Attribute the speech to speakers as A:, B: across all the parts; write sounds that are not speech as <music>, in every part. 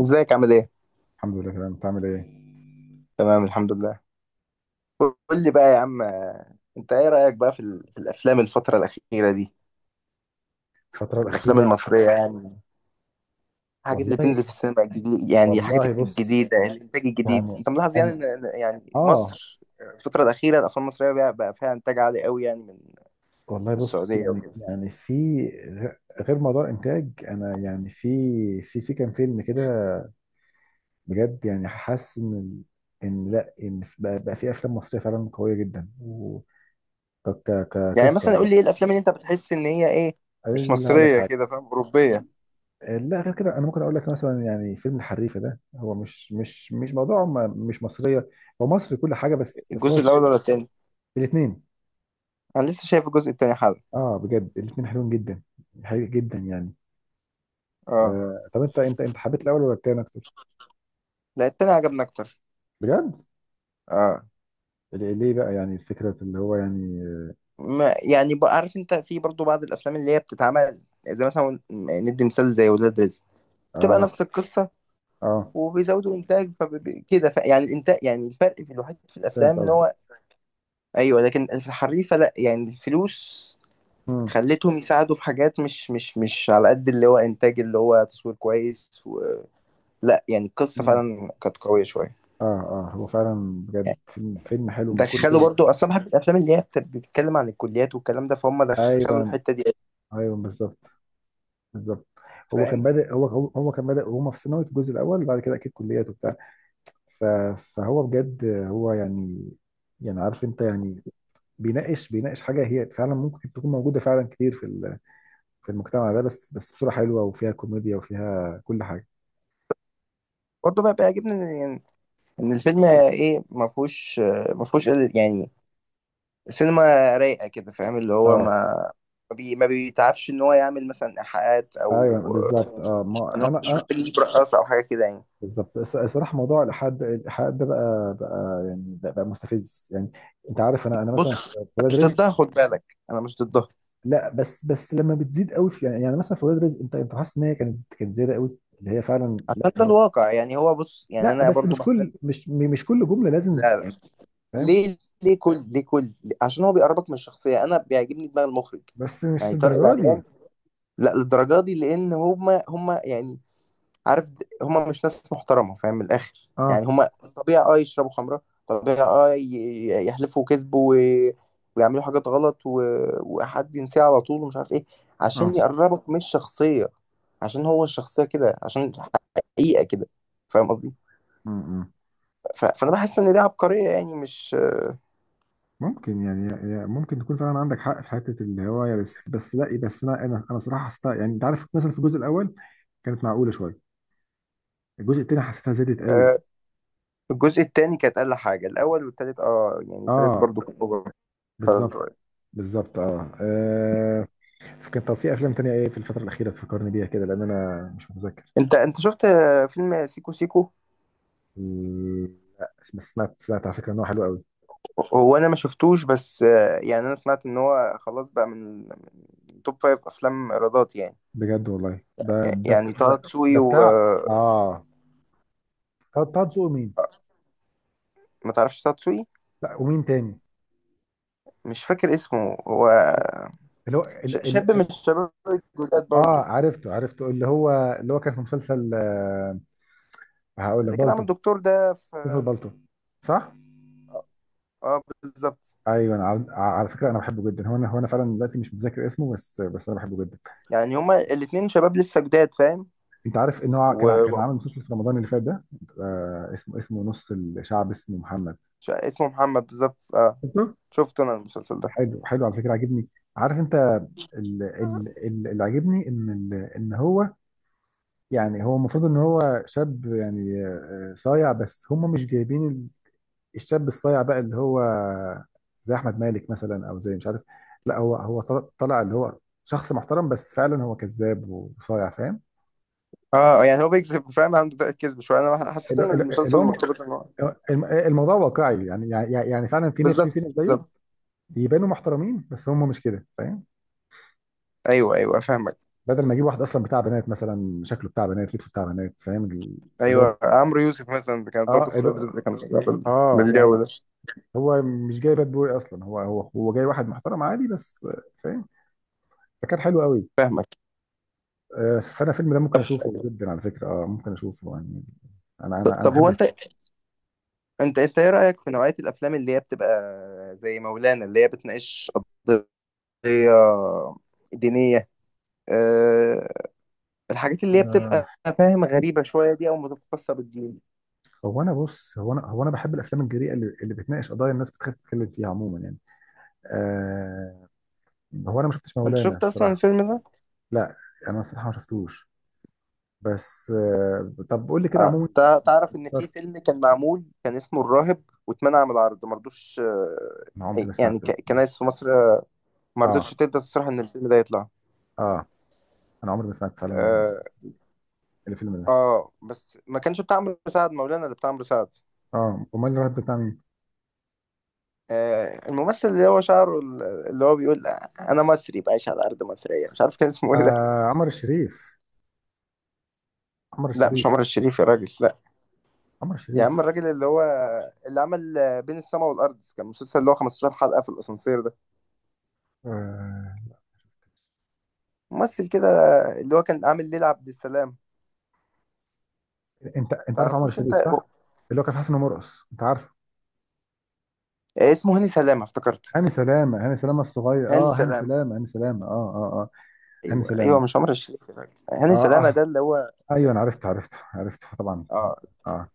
A: ازيك عامل ايه؟
B: الحمد لله تمام. انت عامل ايه؟
A: تمام الحمد لله. قول لي بقى يا عم، انت ايه رأيك بقى في الافلام الفترة الأخيرة دي؟
B: الفترة
A: الافلام
B: الأخيرة.
A: المصرية يعني، الحاجات اللي
B: والله.
A: بتنزل في السينما الجديد، يعني
B: والله
A: الحاجات
B: بص،
A: الجديدة، الانتاج الجديد.
B: يعني
A: انت ملاحظ يعني
B: أنا
A: يعني
B: آه
A: مصر، الفترة الأخيرة الافلام المصرية بقى فيها انتاج عالي قوي، يعني من
B: والله
A: من
B: بص
A: السعودية
B: يعني
A: وكده.
B: يعني في غير موضوع الإنتاج، أنا يعني في في كام فيلم كده بجد، يعني حاسس إن ال- إن لا إن في- بقى, بقى في أفلام مصرية فعلا قوية جدا، و ك- ك-
A: يعني
B: كقصة
A: مثلا
B: يعني.
A: قول لي ايه الافلام اللي انت بتحس ان هي ايه، مش
B: أنا هقول لك
A: مصرية
B: حاجة،
A: كده، فاهم؟ أوروبية.
B: لا غير كده. أنا ممكن أقول لك مثلا يعني فيلم الحريفة ده، هو مش موضوع مش مصرية، هو مصري كل حاجة، بس هو
A: الجزء الأول ولا التاني؟
B: الاثنين.
A: انا لسه شايف الجزء التاني حالا.
B: اه بجد، الاتنين حلوين جدا، حقيقي جدا يعني.
A: اه،
B: آه، طب انت انت حبيت الاول ولا التاني اكتر؟
A: لا، التاني عجبني اكتر.
B: بجد؟
A: اه،
B: ليه بقى يعني؟ فكرة اللي هو يعني.
A: ما يعني بقى، عارف انت في برضو بعض الافلام اللي هي بتتعمل زي مثلا، ندي مثال، زي ولاد رزق، بتبقى
B: اه،
A: نفس القصه
B: اه،
A: وبيزودوا انتاج فكده، ف... يعني الانتاج، يعني الفرق في الوحيد في
B: فهمت
A: الافلام ان
B: قصدي.
A: هو، ايوه، لكن في الحريفه لا، يعني الفلوس
B: امم،
A: خلتهم يساعدوا في حاجات مش على قد اللي هو انتاج، اللي هو تصوير كويس و... لا يعني القصه
B: امم.
A: فعلا كانت قويه شويه
B: اه، اه، هو فعلا. بجد
A: يعني.
B: فيلم حلو من كل
A: دخلوا برضو اصلا، بحب الافلام اللي هي بتتكلم عن الكليات والكلام ده، فهم دخلوا
B: ايوه،
A: الحته دي.
B: ايوه بالظبط، بالظبط. هو كان
A: فاهم؟
B: بادئ، هو كان بادئ وهما في ثانوي في الجزء الاول، وبعد كده اكيد كليات وبتاع. ف- فهو بجد هو يعني، يعني عارف انت يعني، بيناقش حاجة هي فعلا ممكن تكون موجودة فعلا كتير في في المجتمع ده، بس بصورة حلوة وفيها كوميديا وفيها كل حاجة.
A: برضه بقى بيعجبني ان الفيلم ايه، ما فيهوش، يعني سينما رايقه كده، فاهم؟ اللي هو
B: اه.
A: ما بيتعبش ان هو يعمل مثلا ايحاءات،
B: ايوه
A: او
B: بالظبط، اه
A: ان
B: ما
A: هو
B: انا
A: مش
B: انا
A: محتاج يجيب رقاصه او حاجه كده يعني.
B: بالظبط. الصراحه موضوع الالحاد، الالحاد ده بقى، بقى مستفز يعني. انت عارف، انا
A: بص،
B: مثلا في، في
A: أنا
B: ولاد
A: مش
B: رزق.
A: ضدها، خد بالك، انا مش ضدها،
B: لا بس، بس لما بتزيد قوي في يعني، يعني مثلا في ولاد رزق، انت حاسس ان هي كانت زياده قوي اللي هي فعلا
A: عشان
B: لا
A: ده
B: هو.
A: الواقع يعني. هو بص، يعني
B: لا
A: انا
B: بس
A: برضو
B: مش
A: بحتاج.
B: كل، مش كل جمله لازم
A: لا لا.
B: يعني، فاهم.
A: ليه؟ ليه كل عشان هو بيقربك من الشخصيه. انا بيعجبني دماغ المخرج
B: بس مش
A: يعني، طارق
B: الدرجه دي.
A: العريان. لا للدرجه دي، لان هما يعني، عارف، هما مش ناس محترمة، فاهم؟ من الآخر
B: اه،
A: يعني، هما طبيعي اه يشربوا خمرة، طبيعي اه يحلفوا كذب و... ويعملوا حاجات غلط و... وحد ينساه على طول ومش عارف ايه،
B: اه.
A: عشان يقربك من الشخصية، عشان هو الشخصية كده، عشان حقيقة كده. فاهم قصدي؟
B: م- م.
A: ف... فأنا بحس إن دي عبقرية يعني، مش...
B: ممكن يعني، يعني ممكن تكون فعلا عندك حق في حته الهوايه، بس لا بس انا صراحه حسيتها. يعني انت عارف مثلا في الجزء الاول كانت معقوله شويه، الجزء التاني حسيتها زادت قوي.
A: آه، الجزء التاني كانت أقل حاجة، الأول والتالت اه، يعني التالت
B: اه
A: برضو كان أوفر فعلا
B: بالظبط،
A: شوية.
B: بالظبط، اه, آه. كان طب في افلام تانية ايه في الفتره الاخيره تفكرني بيها كده؟ لان انا مش متذكر.
A: أنت شفت فيلم سيكو سيكو؟
B: لا، بس سمعت على فكره ان هو حلو قوي.
A: هو انا ما شفتوش، بس يعني انا سمعت ان هو خلاص بقى من توب فايف افلام ايرادات يعني.
B: بجد، والله
A: يعني طه دسوقي
B: ده بتاع،
A: وما...
B: اه، طه دسوقي مين؟
A: تعرفش طه دسوقي؟
B: لا، ومين تاني؟
A: مش فاكر اسمه هو،
B: اللي
A: شاب من
B: هو.
A: الشباب الجداد
B: اه،
A: برضو.
B: عرفته اللي هو، اللي هو كان في مسلسل آه، هقول لك
A: اللي كان
B: بالطو،
A: عامل دكتور ده
B: مسلسل
A: في...
B: بالطو، صح؟
A: اه، بالظبط.
B: ايوه، انا على، على فكره انا بحبه جدا. هو انا فعلا دلوقتي مش متذكر اسمه، بس انا بحبه جدا.
A: يعني هما الاتنين شباب لسه جداد، فاهم؟
B: انت عارف ان هو
A: و...
B: كان كان
A: و-
B: عامل مسلسل في رمضان اللي فات ده؟ آه، اسمه نص الشعب، اسمه محمد.
A: اسمه محمد بالظبط، اه.
B: شفته؟
A: شفت انا المسلسل ده.
B: حلو، حلو على فكره، عاجبني. عارف انت، اللي عاجبني ان ان هو يعني، هو المفروض ان هو شاب يعني آه، صايع، بس هم مش جايبين الشاب الصايع بقى، اللي هو زي احمد مالك مثلا، او زي مش عارف. لا، هو طلع اللي هو شخص محترم، بس فعلا هو كذاب وصايع، فاهم؟
A: اه، يعني هو بيكذب، فاهم؟ عنده طاقة كذب شويه. انا حسيت ان
B: اللي
A: المسلسل
B: هو،
A: مرتبط ان هو
B: الموضوع واقعي يعني، يعني فعلا في ناس، في
A: بالظبط.
B: ناس زيه
A: بالظبط.
B: يبانوا محترمين بس هم مش كده، فاهم؟
A: ايوه ايوه، فاهمك.
B: بدل ما يجيب واحد اصلا بتاع بنات مثلا، شكله بتاع بنات، لبسه بتاع بنات، فاهم؟ اللي هو،
A: ايوه، عمرو يوسف مثلا كانت برضه
B: اه
A: في
B: اللي
A: ولاد
B: هو،
A: رزق، كانت شغاله
B: اه
A: من الجو
B: يعني،
A: ده.
B: هو مش جاي باد بوي اصلا، هو جاي واحد محترم عادي بس، فاهم؟ فكان حلو قوي.
A: فاهمك.
B: آه، فانا الفيلم ده ممكن
A: طب،
B: اشوفه جدا على فكره، اه ممكن اشوفه يعني. انا
A: طب هو
B: بحب.
A: انت انت ايه رايك في نوعيه الافلام اللي هي بتبقى زي مولانا، اللي هي بتناقش قضيه دينيه، أه، الحاجات اللي هي
B: آه،
A: بتبقى فاهم غريبه شويه دي، او متخصصه بالدين.
B: هو انا بص، هو انا بحب الافلام الجريئه اللي بتناقش قضايا الناس بتخاف تتكلم فيها عموما يعني. آه، هو انا ما شفتش
A: انت
B: مولانا
A: شفت اصلا
B: الصراحه.
A: الفيلم ده؟
B: لا، انا الصراحه ما شفتوش، بس آه طب قول لي كده عموما.
A: تعرف ان في فيلم كان معمول، كان اسمه الراهب، واتمنع من العرض، ما رضوش
B: انا عمري ما
A: يعني
B: سمعت الفيلم.
A: كنايس في مصر ما رضتش
B: اه،
A: تبدا تصرح ان الفيلم ده يطلع.
B: اه، انا عمري ما سمعت فعلا
A: آه،
B: الفيلم ده.
A: اه، بس ما كانش بتاع عمرو سعد، مولانا اللي بتاع عمرو سعد.
B: اه، امال الرهب ده بتاع مين؟
A: آه، الممثل اللي هو شعره اللي هو بيقول انا مصري بعيش على ارض مصريه، مش عارف كان اسمه ايه ده.
B: آه، عمر الشريف، عمر
A: لا مش
B: الشريف،
A: عمر الشريف يا راجل، لا.
B: عمر
A: يا عم،
B: الشريف.
A: الراجل اللي هو اللي عمل بين السماء والارض، كان مسلسل اللي هو 15 حلقه، في الاسانسير ده،
B: آه،
A: ممثل كده اللي هو كان عامل ليلى عبد السلام.
B: انت عارف عمر
A: تعرفوش انت؟
B: الشريف، صح؟ اللي هو كان في حسن ومرقص، انت عارفه.
A: اسمه هاني سلامه، افتكرت.
B: هاني سلامه، هاني سلامه الصغير،
A: هاني
B: اه، هاني
A: سلامه.
B: سلامه، هاني سلامه، اه، اه، اه هاني
A: ايوه ايوه،
B: سلامه.
A: مش عمر الشريف يا راجل، هاني
B: اه
A: سلامه
B: أص...
A: ده اللي هو.
B: ايوه انا عرفت طبعا.
A: اه،
B: اه.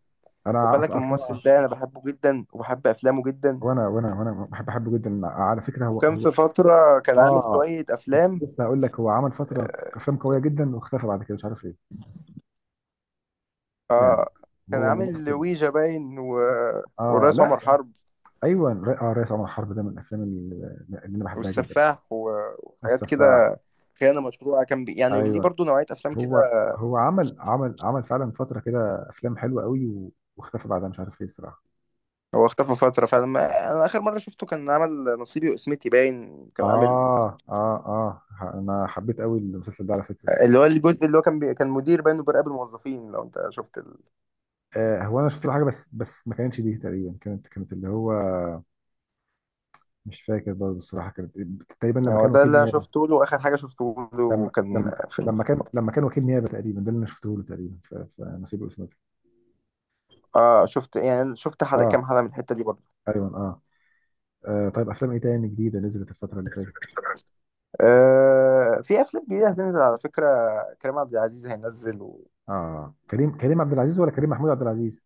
A: خد
B: انا
A: بالك
B: اصلا.
A: الممثل ده انا بحبه جدا، وبحب افلامه جدا.
B: وانا بحب، بحبه جدا على فكره. هو
A: وكان في
B: هو
A: فترة كان عامل
B: اه
A: شوية أفلام.
B: لسه هقول لك، هو عمل فتره
A: آه،
B: افلام قويه جدا، واختفى بعد كده مش عارف ليه يعني.
A: آه، كان
B: هو
A: عامل
B: ممثل،
A: ويجا باين و...
B: اه
A: والرئيس
B: لا
A: عمر
B: يعني.
A: حرب
B: ايوه رئيس عمر حرب ده من الافلام اللي، اللي انا بحبها جدا.
A: والسفاح و...
B: بس
A: وحاجات
B: ف،
A: كده. خيانة مشروعة، كان بي... يعني ليه
B: ايوه،
A: برضو نوعية أفلام كده.
B: هو هو عمل فعلا فترة كده أفلام حلوة قوي، واختفى بعدها مش عارف ليه الصراحة.
A: هو اختفى فترة، فلما أنا آخر مرة شفته كان عمل نصيبي وقسمتي باين، كان عامل
B: أنا حبيت قوي المسلسل ده على فكرة.
A: اللي هو الجزء اللي هو كان بي... كان مدير باين وبيراقب الموظفين، لو أنت شفت ال...
B: آه، هو أنا شفت له حاجة، بس ما كانتش دي تقريبا، كانت اللي هو مش فاكر برضه الصراحة، كانت تقريبا
A: يعني
B: لما
A: هو
B: كان
A: ده
B: وكيل
A: اللي أنا
B: نيابة.
A: شفته له، آخر حاجة شفته له
B: لما
A: كان
B: لما
A: فيلم.
B: لما كان لما كان وكيل نيابة تقريبا، ده اللي أنا شفته له تقريبا في، في نصيب وإسماعيل.
A: آه، شفت يعني، شفت حلقة،
B: آه
A: كام حلقة من الحتة دي برضو.
B: تقريبا، آه. آه، طيب افلام ايه تاني جديده نزلت الفتره اللي فاتت؟
A: في افلام جديده هتنزل على فكره. كريم عبد العزيز هينزل و...
B: اه، كريم عبد العزيز ولا كريم محمود عبد العزيز؟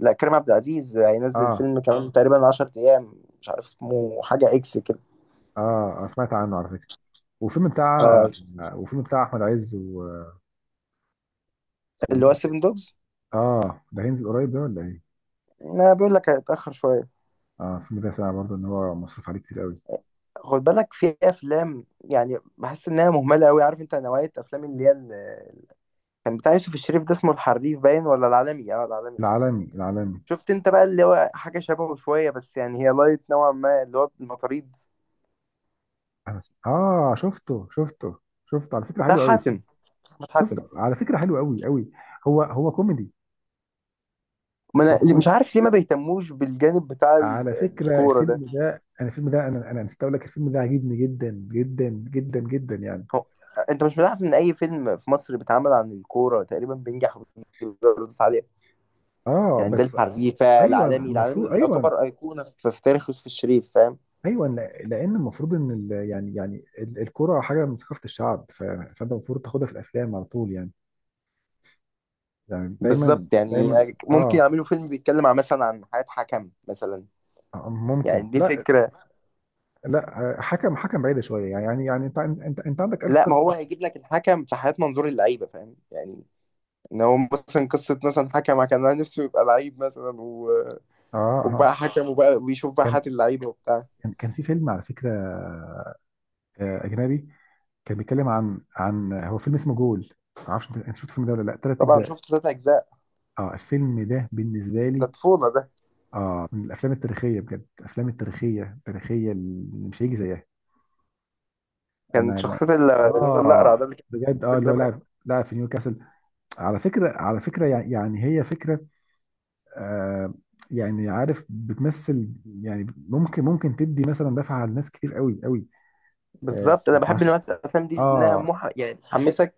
A: لا كريم عبد العزيز هينزل
B: اه،
A: فيلم كمان تقريبا 10 ايام، مش عارف اسمه، حاجه اكس كده.
B: اه، آه سمعت عنه على فكره. وفيلم بتاع
A: آه،
B: وفيلم بتاع احمد عز، و...
A: اللي هو سيفن دوجز.
B: اه. ده هينزل قريب ده ولا ايه؟
A: انا بيقول لك هيتاخر شويه.
B: اه، الفيلم ده سامع برضه ان هو مصروف عليه كتير قوي.
A: خد بالك في افلام يعني بحس انها مهمله قوي، عارف انت، نوعيه افلام اللي هي كان بتاع يوسف الشريف ده، اسمه الحريف باين ولا العالمي، اه العالمي.
B: العالمي، العالمي.
A: شفت انت بقى اللي هو حاجه شبهه شويه، بس يعني هي لايت نوعا ما، اللي هو المطاريد،
B: أنا اه، شفته شفته على فكره
A: بتاع
B: حلو قوي.
A: حاتم، احمد حاتم.
B: شفته على فكره حلو قوي قوي. هو كوميدي.
A: ما
B: هو
A: انا مش
B: كوميدي
A: عارف ليه ما بيهتموش بالجانب بتاع
B: على فكره.
A: الكوره ده.
B: الفيلم ده انا، الفيلم ده انا نسيت اقول لك، الفيلم ده عجبني جدا جدا جدا جدا يعني.
A: هو انت مش ملاحظ ان اي فيلم في مصر بيتعمل عن الكوره تقريبا بينجح وبيجيب ايرادات عاليه؟
B: اه
A: يعني زي
B: بس.
A: الحريفه،
B: ايوه
A: العالمي،
B: المفروض،
A: العالمي
B: ايوه،
A: يعتبر ايقونه في تاريخ يوسف الشريف، فاهم؟
B: ايوه. لان المفروض ان الكرة حاجه من ثقافه الشعب، فانت المفروض تاخدها في الافلام على طول يعني، يعني دايما،
A: بالظبط يعني.
B: دايما.
A: ممكن
B: اه،
A: يعملوا فيلم بيتكلم عن مثلا، عن حياه حكم مثلا.
B: آه ممكن،
A: يعني دي
B: لا،
A: فكره.
B: لا، آه، حكم، حكم بعيده شويه يعني، يعني انت عندك الف
A: لا، ما
B: قصه.
A: هو هيجيب لك الحكم في حياه منظور اللعيبه، فاهم يعني؟ ان هو مثلا قصه، مثلا حكم كان نفسه يبقى لعيب مثلا و...
B: اه، اه.
A: وبقى حكم، وبقى بيشوف بقى
B: كان
A: حياه اللعيبه وبتاع.
B: كان في فيلم على فكره آه اجنبي، كان بيتكلم عن، عن، هو فيلم اسمه جول، ما اعرفش انت، أنت شفت الفيلم ده ولا لا؟ ثلاث
A: طبعا
B: اجزاء.
A: شفت تلات اجزاء.
B: اه الفيلم ده بالنسبه
A: ده
B: لي،
A: طفوله ده.
B: اه، من الافلام التاريخيه بجد، الافلام التاريخيه، التاريخيه اللي مش هيجي زيها. انا
A: كان
B: يعني،
A: شخصيه الواد
B: اه
A: الاقرع
B: انا
A: ده اللي كان
B: بجد، اه،
A: بيقول
B: اللي
A: ده
B: هو
A: بقى.
B: لاعب في نيوكاسل. على فكره، على فكره يعني هي فكره آه، يعني عارف بتمثل، يعني ممكن تدي مثلا دفعه لناس كتير قوي قوي. اه.
A: بالظبط، انا بحب
B: فعش-
A: نوع الافلام دي، انها
B: آه،
A: مح... يعني تحمسك،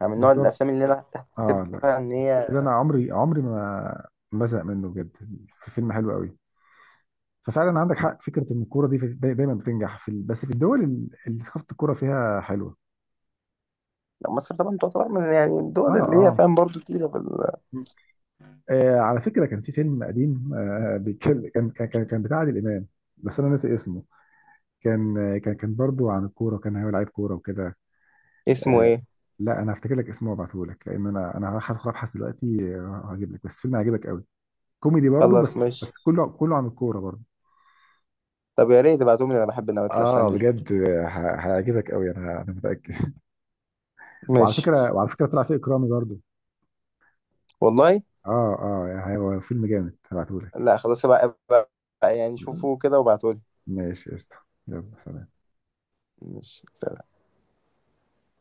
A: يعني من نوع
B: بالظبط.
A: الافلام اللي انا
B: اه لا،
A: تحسبها ان
B: الفيلم ده
A: هي...
B: انا عمري ما بزهق منه بجد. في فيلم حلو قوي. ففعلا عندك حق فكره ان الكوره دي دايما بتنجح في بس في الدول اللي ثقافه الكوره فيها حلوه.
A: لا، مصر طبعا تعتبر من يعني
B: اه،
A: الدول اللي هي
B: اه.
A: فاهم برضو تقيله بال...
B: آه على فكره كان في فيلم قديم آه بيتكلم، كان بتاع عادل امام، بس انا ناسي اسمه. كان آه، كان برضه عن الكوره، وكان هو لعيب كوره وكده.
A: اسمه
B: آه.
A: ايه؟
B: لا انا هفتكر لك اسمه وابعته لك، لان انا هروح ادخل ابحث دلوقتي، آه، هجيب لك بس فيلم هيعجبك قوي، كوميدي برضه، بس
A: خلاص، ماشي.
B: بس كله، كله عن الكوره برضه.
A: طب يا ريت تبعتهم لي، انا بحب نوع الافلام
B: اه
A: دي.
B: بجد، هيعجبك قوي، انا متاكد. <laughs> وعلى
A: ماشي.
B: فكره، وعلى فكره طلع فيه اكرامي برضه.
A: والله.
B: اه، اه هو فيلم جامد، هبعته لك.
A: لا خلاص، بقى. يعني شوفوا كده وابعتوا لي.
B: ماشي قشطه. يلا سلام.
A: ماشي، سلام.